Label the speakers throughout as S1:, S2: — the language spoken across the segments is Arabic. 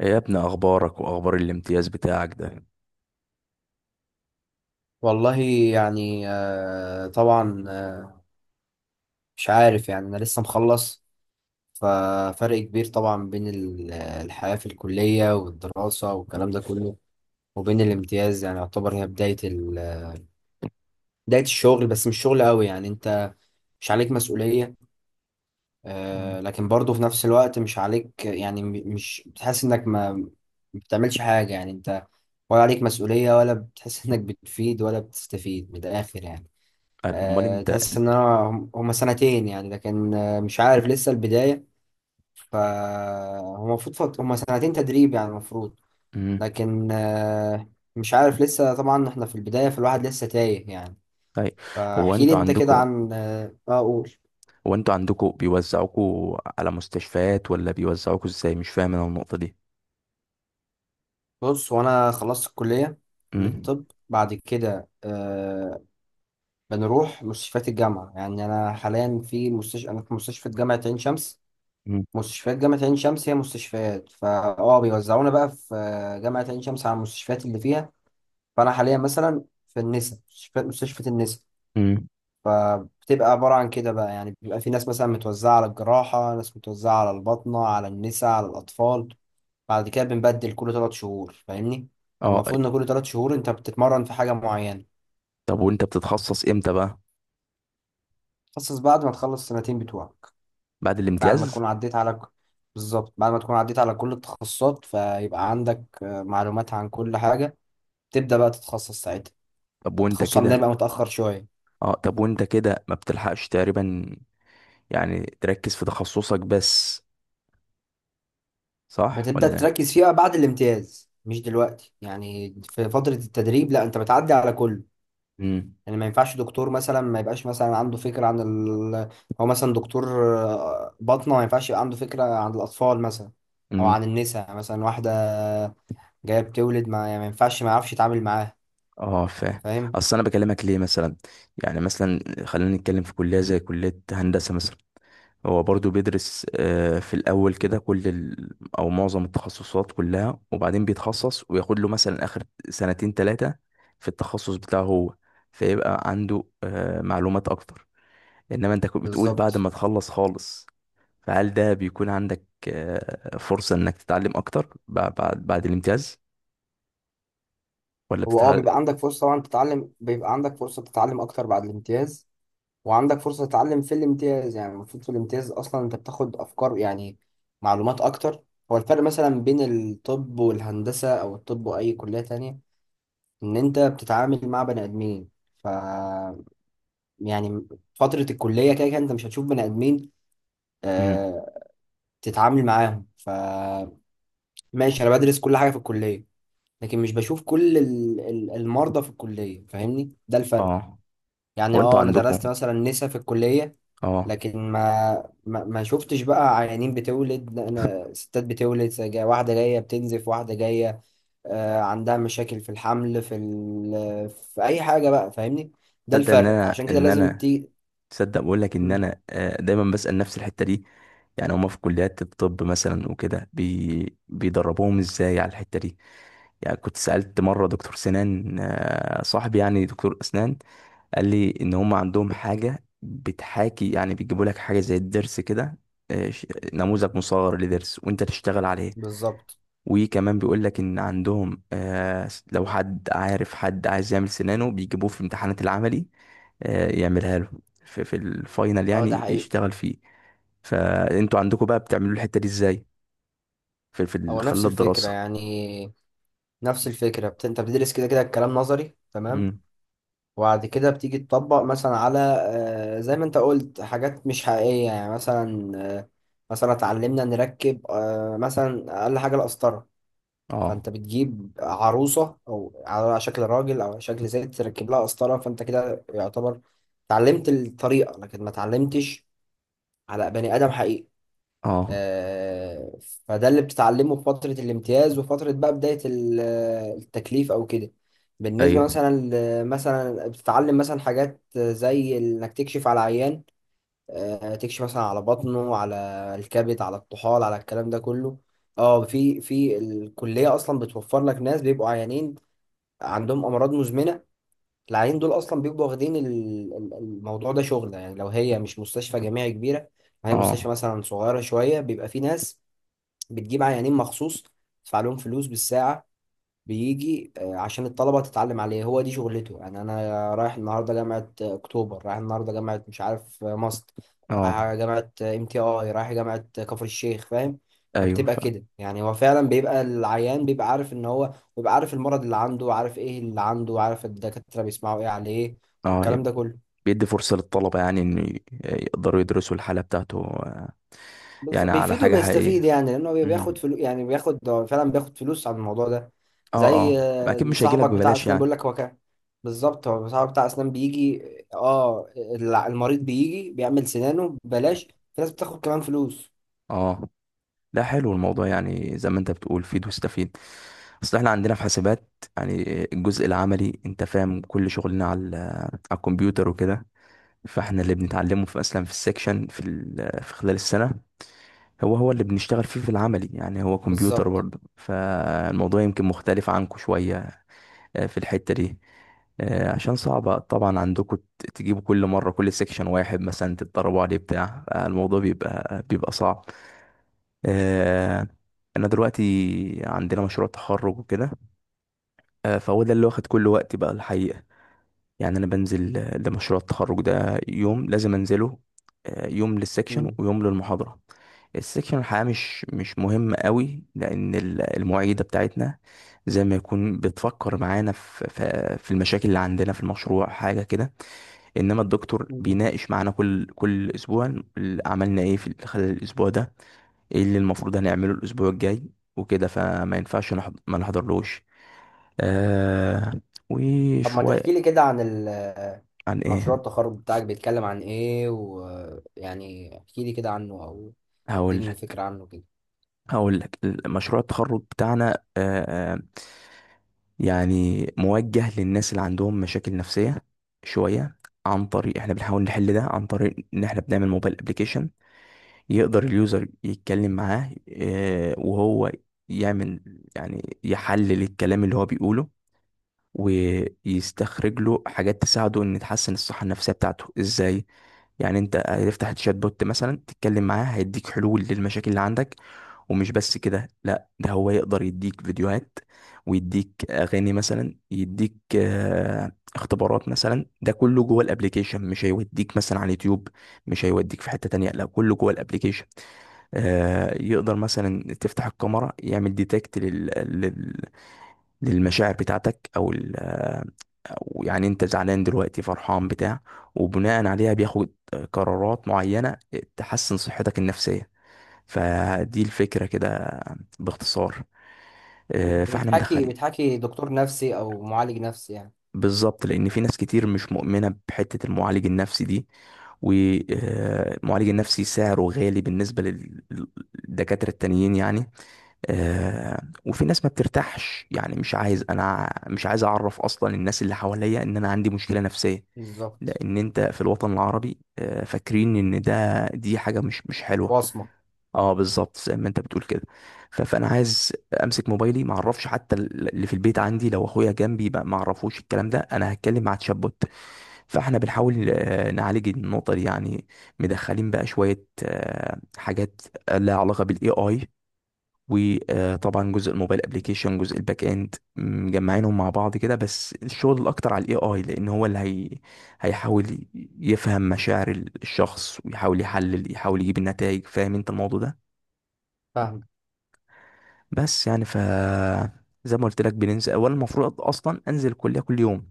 S1: إيه يا ابني، اخبارك واخبار الامتياز بتاعك ده؟
S2: والله، يعني طبعا، مش عارف. يعني انا لسه مخلص. ففرق كبير طبعا بين الحياة في الكلية والدراسة والكلام ده كله، وبين الامتياز. يعني يعتبر هي بداية الشغل، بس مش شغل قوي. يعني انت مش عليك مسؤولية،
S1: مم.
S2: لكن برضه في نفس الوقت مش عليك. يعني مش بتحس انك ما بتعملش حاجة. يعني انت ولا عليك مسؤولية ولا بتحس انك بتفيد ولا بتستفيد من الاخر يعني.
S1: قال، امال انت؟
S2: تحس ان انا هم سنتين. يعني لكن مش عارف لسه البداية. فهو المفروض هم سنتين تدريب، يعني المفروض.
S1: مم.
S2: لكن مش عارف. لسه طبعا احنا في البداية، فالواحد لسه تايه يعني.
S1: طيب. هو
S2: فاحكي لي
S1: انتوا
S2: انت كده
S1: عندكم
S2: عن قول.
S1: هو انتوا عندكم بيوزعوكوا على مستشفيات ولا بيوزعوكوا ازاي؟ مش فاهم انا النقطة دي.
S2: بص، وانا خلصت الكلية، كلية
S1: مم.
S2: الطب. بعد كده أه بنروح مستشفيات الجامعة. يعني أنا في مستشفى جامعة عين شمس.
S1: مم.
S2: مستشفيات جامعة عين شمس هي مستشفيات، فا اه بيوزعونا بقى في جامعة عين شمس على المستشفيات اللي فيها. فأنا حاليا مثلا في النسا، مستشفى النسا.
S1: مم.
S2: فبتبقى عبارة عن كده بقى. يعني بيبقى في ناس مثلا متوزعة على الجراحة، ناس متوزعة على الباطنة، على النسا، على الأطفال. بعد كده بنبدل كل تلات شهور، فاهمني.
S1: اه.
S2: فالمفروض إن كل تلات شهور أنت بتتمرن في حاجة معينة.
S1: طب وانت بتتخصص امتى بقى؟
S2: تخصص بعد ما تخلص السنتين بتوعك،
S1: بعد
S2: بعد ما
S1: الامتياز؟
S2: تكون عديت على بالظبط، بعد ما تكون عديت على كل التخصصات، فيبقى عندك معلومات عن كل حاجة. تبدأ بقى تتخصص ساعتها.
S1: طب وانت
S2: التخصص عندنا
S1: كده
S2: بقى متأخر شوية.
S1: اه طب وانت كده ما بتلحقش تقريبا؟ يعني تركز في تخصصك بس، صح
S2: بتبدأ
S1: ولا؟
S2: تركز فيها بعد الامتياز، مش دلوقتي. يعني في فترة التدريب لا، انت بتعدي على كله.
S1: مم.
S2: يعني ما ينفعش دكتور مثلا ما يبقاش مثلا عنده فكرة عن هو مثلا دكتور باطنة، ما ينفعش يبقى عنده فكرة عن الأطفال مثلا، أو عن
S1: مم.
S2: النساء مثلا. واحدة جاية بتولد، ما، يعني ما ينفعش ما يعرفش يتعامل معاها.
S1: اه، فاهم.
S2: فاهم.
S1: اصل انا بكلمك ليه مثلا؟ يعني مثلا، خلينا نتكلم في كليه زي كليه هندسه مثلا، هو برضو بيدرس في الاول كده كل ال... او معظم التخصصات كلها، وبعدين بيتخصص وياخد له مثلا اخر 2 ،3 سنين في التخصص بتاعه هو، فيبقى عنده معلومات اكتر. انما انت كنت بتقول بعد
S2: بالظبط.
S1: ما تخلص خالص، فهل ده بيكون عندك فرصه انك تتعلم اكتر بعد بعد الامتياز ولا
S2: هو اه
S1: بتتعلم؟
S2: بيبقى عندك فرصة طبعا تتعلم، بيبقى عندك فرصة تتعلم أكتر بعد الامتياز، وعندك فرصة تتعلم في الامتياز. يعني المفروض في الامتياز أصلا أنت بتاخد أفكار، يعني معلومات أكتر. هو الفرق مثلا بين الطب والهندسة، أو الطب وأي كلية تانية، إن أنت بتتعامل مع بني آدمين. ف يعني فترة الكلية كده كده أنت مش هتشوف بني آدمين
S1: امم.
S2: آه... تتعامل معاهم. ف ماشي، أنا بدرس كل حاجة في الكلية، لكن مش بشوف كل المرضى في الكلية، فاهمني. ده الفرق.
S1: اه.
S2: يعني
S1: هو انتوا
S2: اه انا درست
S1: عندكم.
S2: مثلا نسا في الكلية،
S1: اه.
S2: لكن ما شفتش بقى عيانين بتولد. انا ستات بتولد، واحدة جاية بتنزف، واحدة جاية عندها مشاكل في الحمل، في في اي حاجة بقى، فاهمني. ده
S1: تصدق ان
S2: الفرق،
S1: انا
S2: عشان كده
S1: ان
S2: لازم
S1: انا
S2: تي.
S1: تصدق بقول لك ان
S2: مم،
S1: انا دايما بسأل نفس الحتة دي. يعني هما في كليات الطب مثلا وكده بيدربوهم ازاي على الحتة دي؟ يعني كنت سألت مرة دكتور سنان، صاحبي يعني دكتور اسنان، قال لي ان هما عندهم حاجة بتحاكي، يعني بيجيبوا لك حاجة زي الضرس كده، آه، ش- نموذج مصغر لضرس وانت تشتغل عليه.
S2: بالظبط.
S1: وكمان بيقول لك ان عندهم لو حد عارف حد عايز يعمل سنانه بيجيبوه في امتحانات العملي، يعملها له في في, الفاينل،
S2: اه ده
S1: يعني
S2: حقيقي.
S1: يشتغل فيه. فانتوا عندكم بقى بتعملوا الحتة دي ازاي في, في
S2: هو
S1: خلال
S2: نفس الفكرة
S1: الدراسة؟
S2: يعني، نفس الفكرة انت بتدرس كده كده الكلام نظري، تمام.
S1: امم.
S2: وبعد كده بتيجي تطبق مثلا على زي ما انت قلت، حاجات مش حقيقية. يعني مثلا آه، مثلا اتعلمنا نركب مثلا أقل حاجة القسطرة.
S1: اه.
S2: فانت بتجيب عروسة او على شكل راجل او على شكل ست تركب لها قسطرة، فانت كده يعتبر اتعلمت الطريقة، لكن ما اتعلمتش على بني آدم حقيقي.
S1: اه.
S2: آه، فده اللي بتتعلمه في فترة الامتياز، وفترة بقى بداية التكليف أو كده. بالنسبة
S1: ايوه.
S2: مثلا مثلا بتتعلم مثلا حاجات زي إنك تكشف على عيان. تكشف مثلا على بطنه، على الكبد، على الطحال، على الكلام ده كله. اه في الكلية أصلا بتوفر لك ناس بيبقوا عيانين، عندهم أمراض مزمنة. العيانين دول أصلا بيبقوا واخدين الموضوع ده شغل. يعني لو هي مش مستشفى جامعي كبيرة، هي مستشفى
S1: اه.
S2: مثلا صغيرة شوية، بيبقى في ناس بتجيب عيانين مخصوص، تدفع لهم فلوس بالساعة. بيجي عشان الطلبة تتعلم عليه، هو دي شغلته. يعني أنا رايح النهاردة جامعة أكتوبر، رايح النهاردة جامعة مش عارف ماست،
S1: اه.
S2: رايح جامعة ام تي اي، رايح جامعة كفر الشيخ، فاهم.
S1: ايوه،
S2: فبتبقى
S1: فاهم.
S2: كده يعني. هو فعلا بيبقى العيان بيبقى عارف ان هو بيبقى عارف المرض اللي عنده، عارف ايه اللي عنده، عارف الدكاترة بيسمعوا ايه عليه،
S1: اه،
S2: والكلام ده كله.
S1: بيدي فرصة للطلبة يعني ان يقدروا يدرسوا الحالة بتاعته، يعني على
S2: بيفيد
S1: حاجة
S2: وبيستفيد.
S1: حقيقية.
S2: يعني لانه بياخد
S1: امم.
S2: فلوس. يعني بياخد، هو فعلا بياخد فلوس على الموضوع ده.
S1: اه،
S2: زي
S1: اه، ما اكيد مش هيجيلك
S2: صاحبك بتاع
S1: ببلاش
S2: اسنان
S1: يعني.
S2: بيقول لك هو كان، بالظبط، هو صاحبك بتاع اسنان بيجي. اه المريض بيجي بيعمل سنانه ببلاش. في ناس بتاخد كمان فلوس.
S1: اه. لا، حلو الموضوع، يعني زي ما انت بتقول فيد واستفيد. اصل احنا عندنا في حاسبات، يعني الجزء العملي، انت فاهم، كل شغلنا على على الكمبيوتر وكده. فاحنا اللي بنتعلمه في اصلا في السكشن في في خلال السنة هو اللي بنشتغل فيه في العملي، يعني هو كمبيوتر
S2: بالظبط.
S1: برضه، فالموضوع يمكن مختلف عنكم شوية في الحتة دي. عشان صعبة طبعا عندكم تجيبوا كل مرة كل سكشن واحد مثلا تتدربوا عليه، بتاع الموضوع بيبقى صعب. آه، انا دلوقتي عندنا مشروع تخرج وكده، فهو ده اللي واخد كل وقتي بقى الحقيقة. يعني انا بنزل لمشروع التخرج ده يوم لازم انزله، يوم للسكشن
S2: مم.
S1: ويوم للمحاضرة. السكشن الحقيقة مش مهم قوي، لان المعيدة بتاعتنا زي ما يكون بتفكر معانا في المشاكل اللي عندنا في المشروع، حاجة كده. انما الدكتور
S2: مم.
S1: بيناقش معانا كل اسبوع عملنا ايه في خلال الاسبوع ده، ايه اللي المفروض هنعمله الاسبوع الجاي وكده، فما ينفعش ما نحضرلوش. آه،
S2: طب ما تحكي
S1: وشوية.
S2: لي كده عن
S1: عن
S2: مشروع
S1: ايه؟
S2: التخرج بتاعك، بيتكلم عن ايه، ويعني احكي لي كده عنه، او
S1: هقول
S2: اديني
S1: لك.
S2: فكرة عنه كده.
S1: هقول لك. مشروع التخرج بتاعنا يعني موجه للناس اللي عندهم مشاكل نفسية شوية. عن طريق احنا بنحاول نحل ده عن طريق ان احنا بنعمل موبايل ابليكيشن يقدر اليوزر يتكلم معاه، آه، وهو يعمل، يعني يحلل الكلام اللي هو بيقوله ويستخرج له حاجات تساعده ان تحسن الصحة النفسية بتاعته ازاي. يعني انت هتفتح الشات بوت مثلا تتكلم معاه هيديك حلول للمشاكل اللي عندك. ومش بس كده، لا، ده هو يقدر يديك فيديوهات ويديك اغاني مثلا، يديك اختبارات مثلا، ده كله جوه الابليكيشن، مش هيوديك مثلا على اليوتيوب، مش هيوديك في حتة تانية، لا، كله جوه الابليكيشن. يقدر مثلا تفتح الكاميرا يعمل ديتكت للمشاعر بتاعتك او ال... أو يعني انت زعلان دلوقتي، فرحان، بتاع، وبناء عليها بياخد قرارات معينة تحسن صحتك النفسية. فدي الفكرة كده باختصار. فاحنا
S2: بتحكي
S1: مدخلين.
S2: بتحكي دكتور نفسي او معالج نفسي يعني.
S1: بالظبط، لان في ناس كتير مش مؤمنه بحته المعالج النفسي دي، والمعالج النفسي سعره غالي بالنسبه للدكاتره التانيين يعني. آه، وفي ناس ما بترتاحش، يعني مش عايز، انا مش عايز اعرف اصلا الناس اللي حواليا ان انا عندي مشكله نفسيه،
S2: بالظبط.
S1: لان انت في الوطن العربي فاكرين ان ده دي حاجه مش حلوه.
S2: وصمة.
S1: اه، بالظبط زي ما انت بتقول كده. فانا عايز امسك موبايلي ما اعرفش حتى اللي في البيت عندي، لو اخويا جنبي ما اعرفوش الكلام ده، انا هتكلم مع تشات. فاحنا بنحاول نعالج النقطه دي يعني. مدخلين بقى شويه حاجات لها علاقه بالاي اي. وطبعا جزء الموبايل ابلكيشن، جزء الباك اند، مجمعينهم مع بعض كده، بس الشغل الاكتر على AI، لان هو اللي هي هيحاول يفهم مشاعر الشخص، ويحاول يحلل، يحاول يجيب النتائج. فاهم انت الموضوع ده؟
S2: فاهمة.
S1: بس يعني، ف... زي ما قلت لك، بننزل اولا، المفروض اصلا انزل الكليه كل يوم،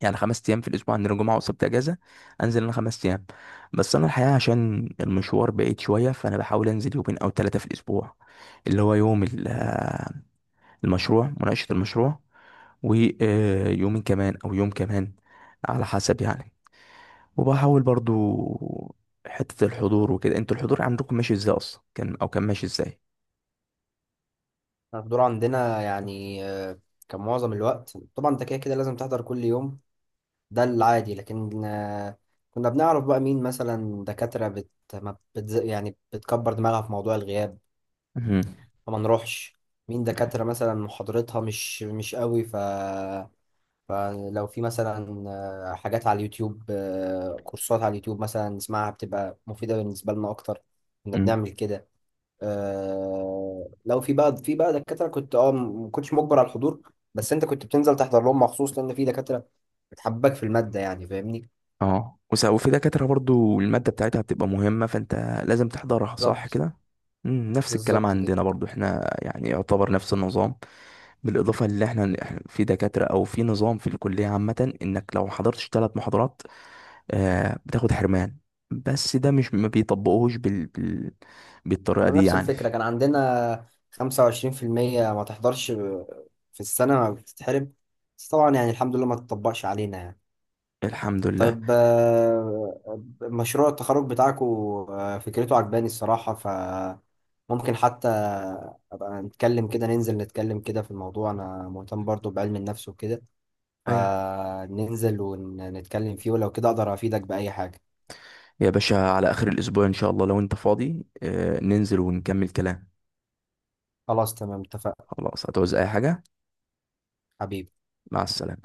S1: يعني 5 ايام في الاسبوع، عندنا جمعه وسبت اجازه، انزل انا 5 ايام. بس انا الحقيقه عشان المشوار بعيد شويه، فانا بحاول انزل 2 او 3 في الاسبوع، اللي هو يوم
S2: احنا
S1: المشروع، مناقشه المشروع، ويومين كمان او يوم كمان، على حسب يعني. وبحاول برضو حته الحضور وكده. انتوا الحضور عندكم ماشي ازاي اصلا، كان او كان ماشي ازاي؟
S2: الدور عندنا يعني كان معظم الوقت. طبعا انت كده كده لازم تحضر كل يوم، ده العادي. لكن كنا بنعرف بقى مين مثلا دكاترة بت... ما بت... يعني بتكبر دماغها في موضوع الغياب،
S1: مهم.
S2: فما نروحش. مين دكاترة مثلا محاضرتها مش قوي، فلو في مثلا حاجات على اليوتيوب، كورسات على اليوتيوب مثلا نسمعها، بتبقى مفيدة بالنسبة لنا أكتر. كنا بنعمل كده. آه لو في بقى في بقى دكاترة كنت اه ما كنتش مجبر على الحضور، بس انت كنت بتنزل تحضر لهم مخصوص، لان في دكاترة بتحبك في المادة، يعني فاهمني.
S1: اه. وفي دكاترة برضو المادة بتاعتها بتبقى مهمة، فانت لازم تحضرها، صح
S2: بالظبط.
S1: كده؟ مم، نفس الكلام
S2: بالظبط كده.
S1: عندنا برضو، احنا يعني يعتبر نفس النظام. بالإضافة اللي إحنا في دكاترة، أو في نظام في الكلية عامة، إنك لو حضرتش 3 محاضرات آه بتاخد حرمان، بس ده مش ما بيطبقوهش بالطريقة دي
S2: ونفس
S1: يعني.
S2: الفكرة كان عندنا 25% ما تحضرش في السنة ما بتتحرم. بس طبعا يعني الحمد لله ما تطبقش علينا يعني.
S1: الحمد لله.
S2: طيب مشروع التخرج بتاعكو، فكرته عجباني الصراحة. فممكن حتى أبقى نتكلم كده، ننزل نتكلم كده في الموضوع. أنا مهتم برضو بعلم النفس وكده،
S1: أيوه
S2: فننزل ونتكلم فيه، ولو كده أقدر أفيدك بأي حاجة.
S1: يا باشا، على آخر الأسبوع إن شاء الله لو أنت فاضي آه ننزل ونكمل كلام.
S2: خلاص تمام، اتفقنا.
S1: خلاص. هتعوز أي حاجة؟
S2: حبيبي.
S1: مع السلامة.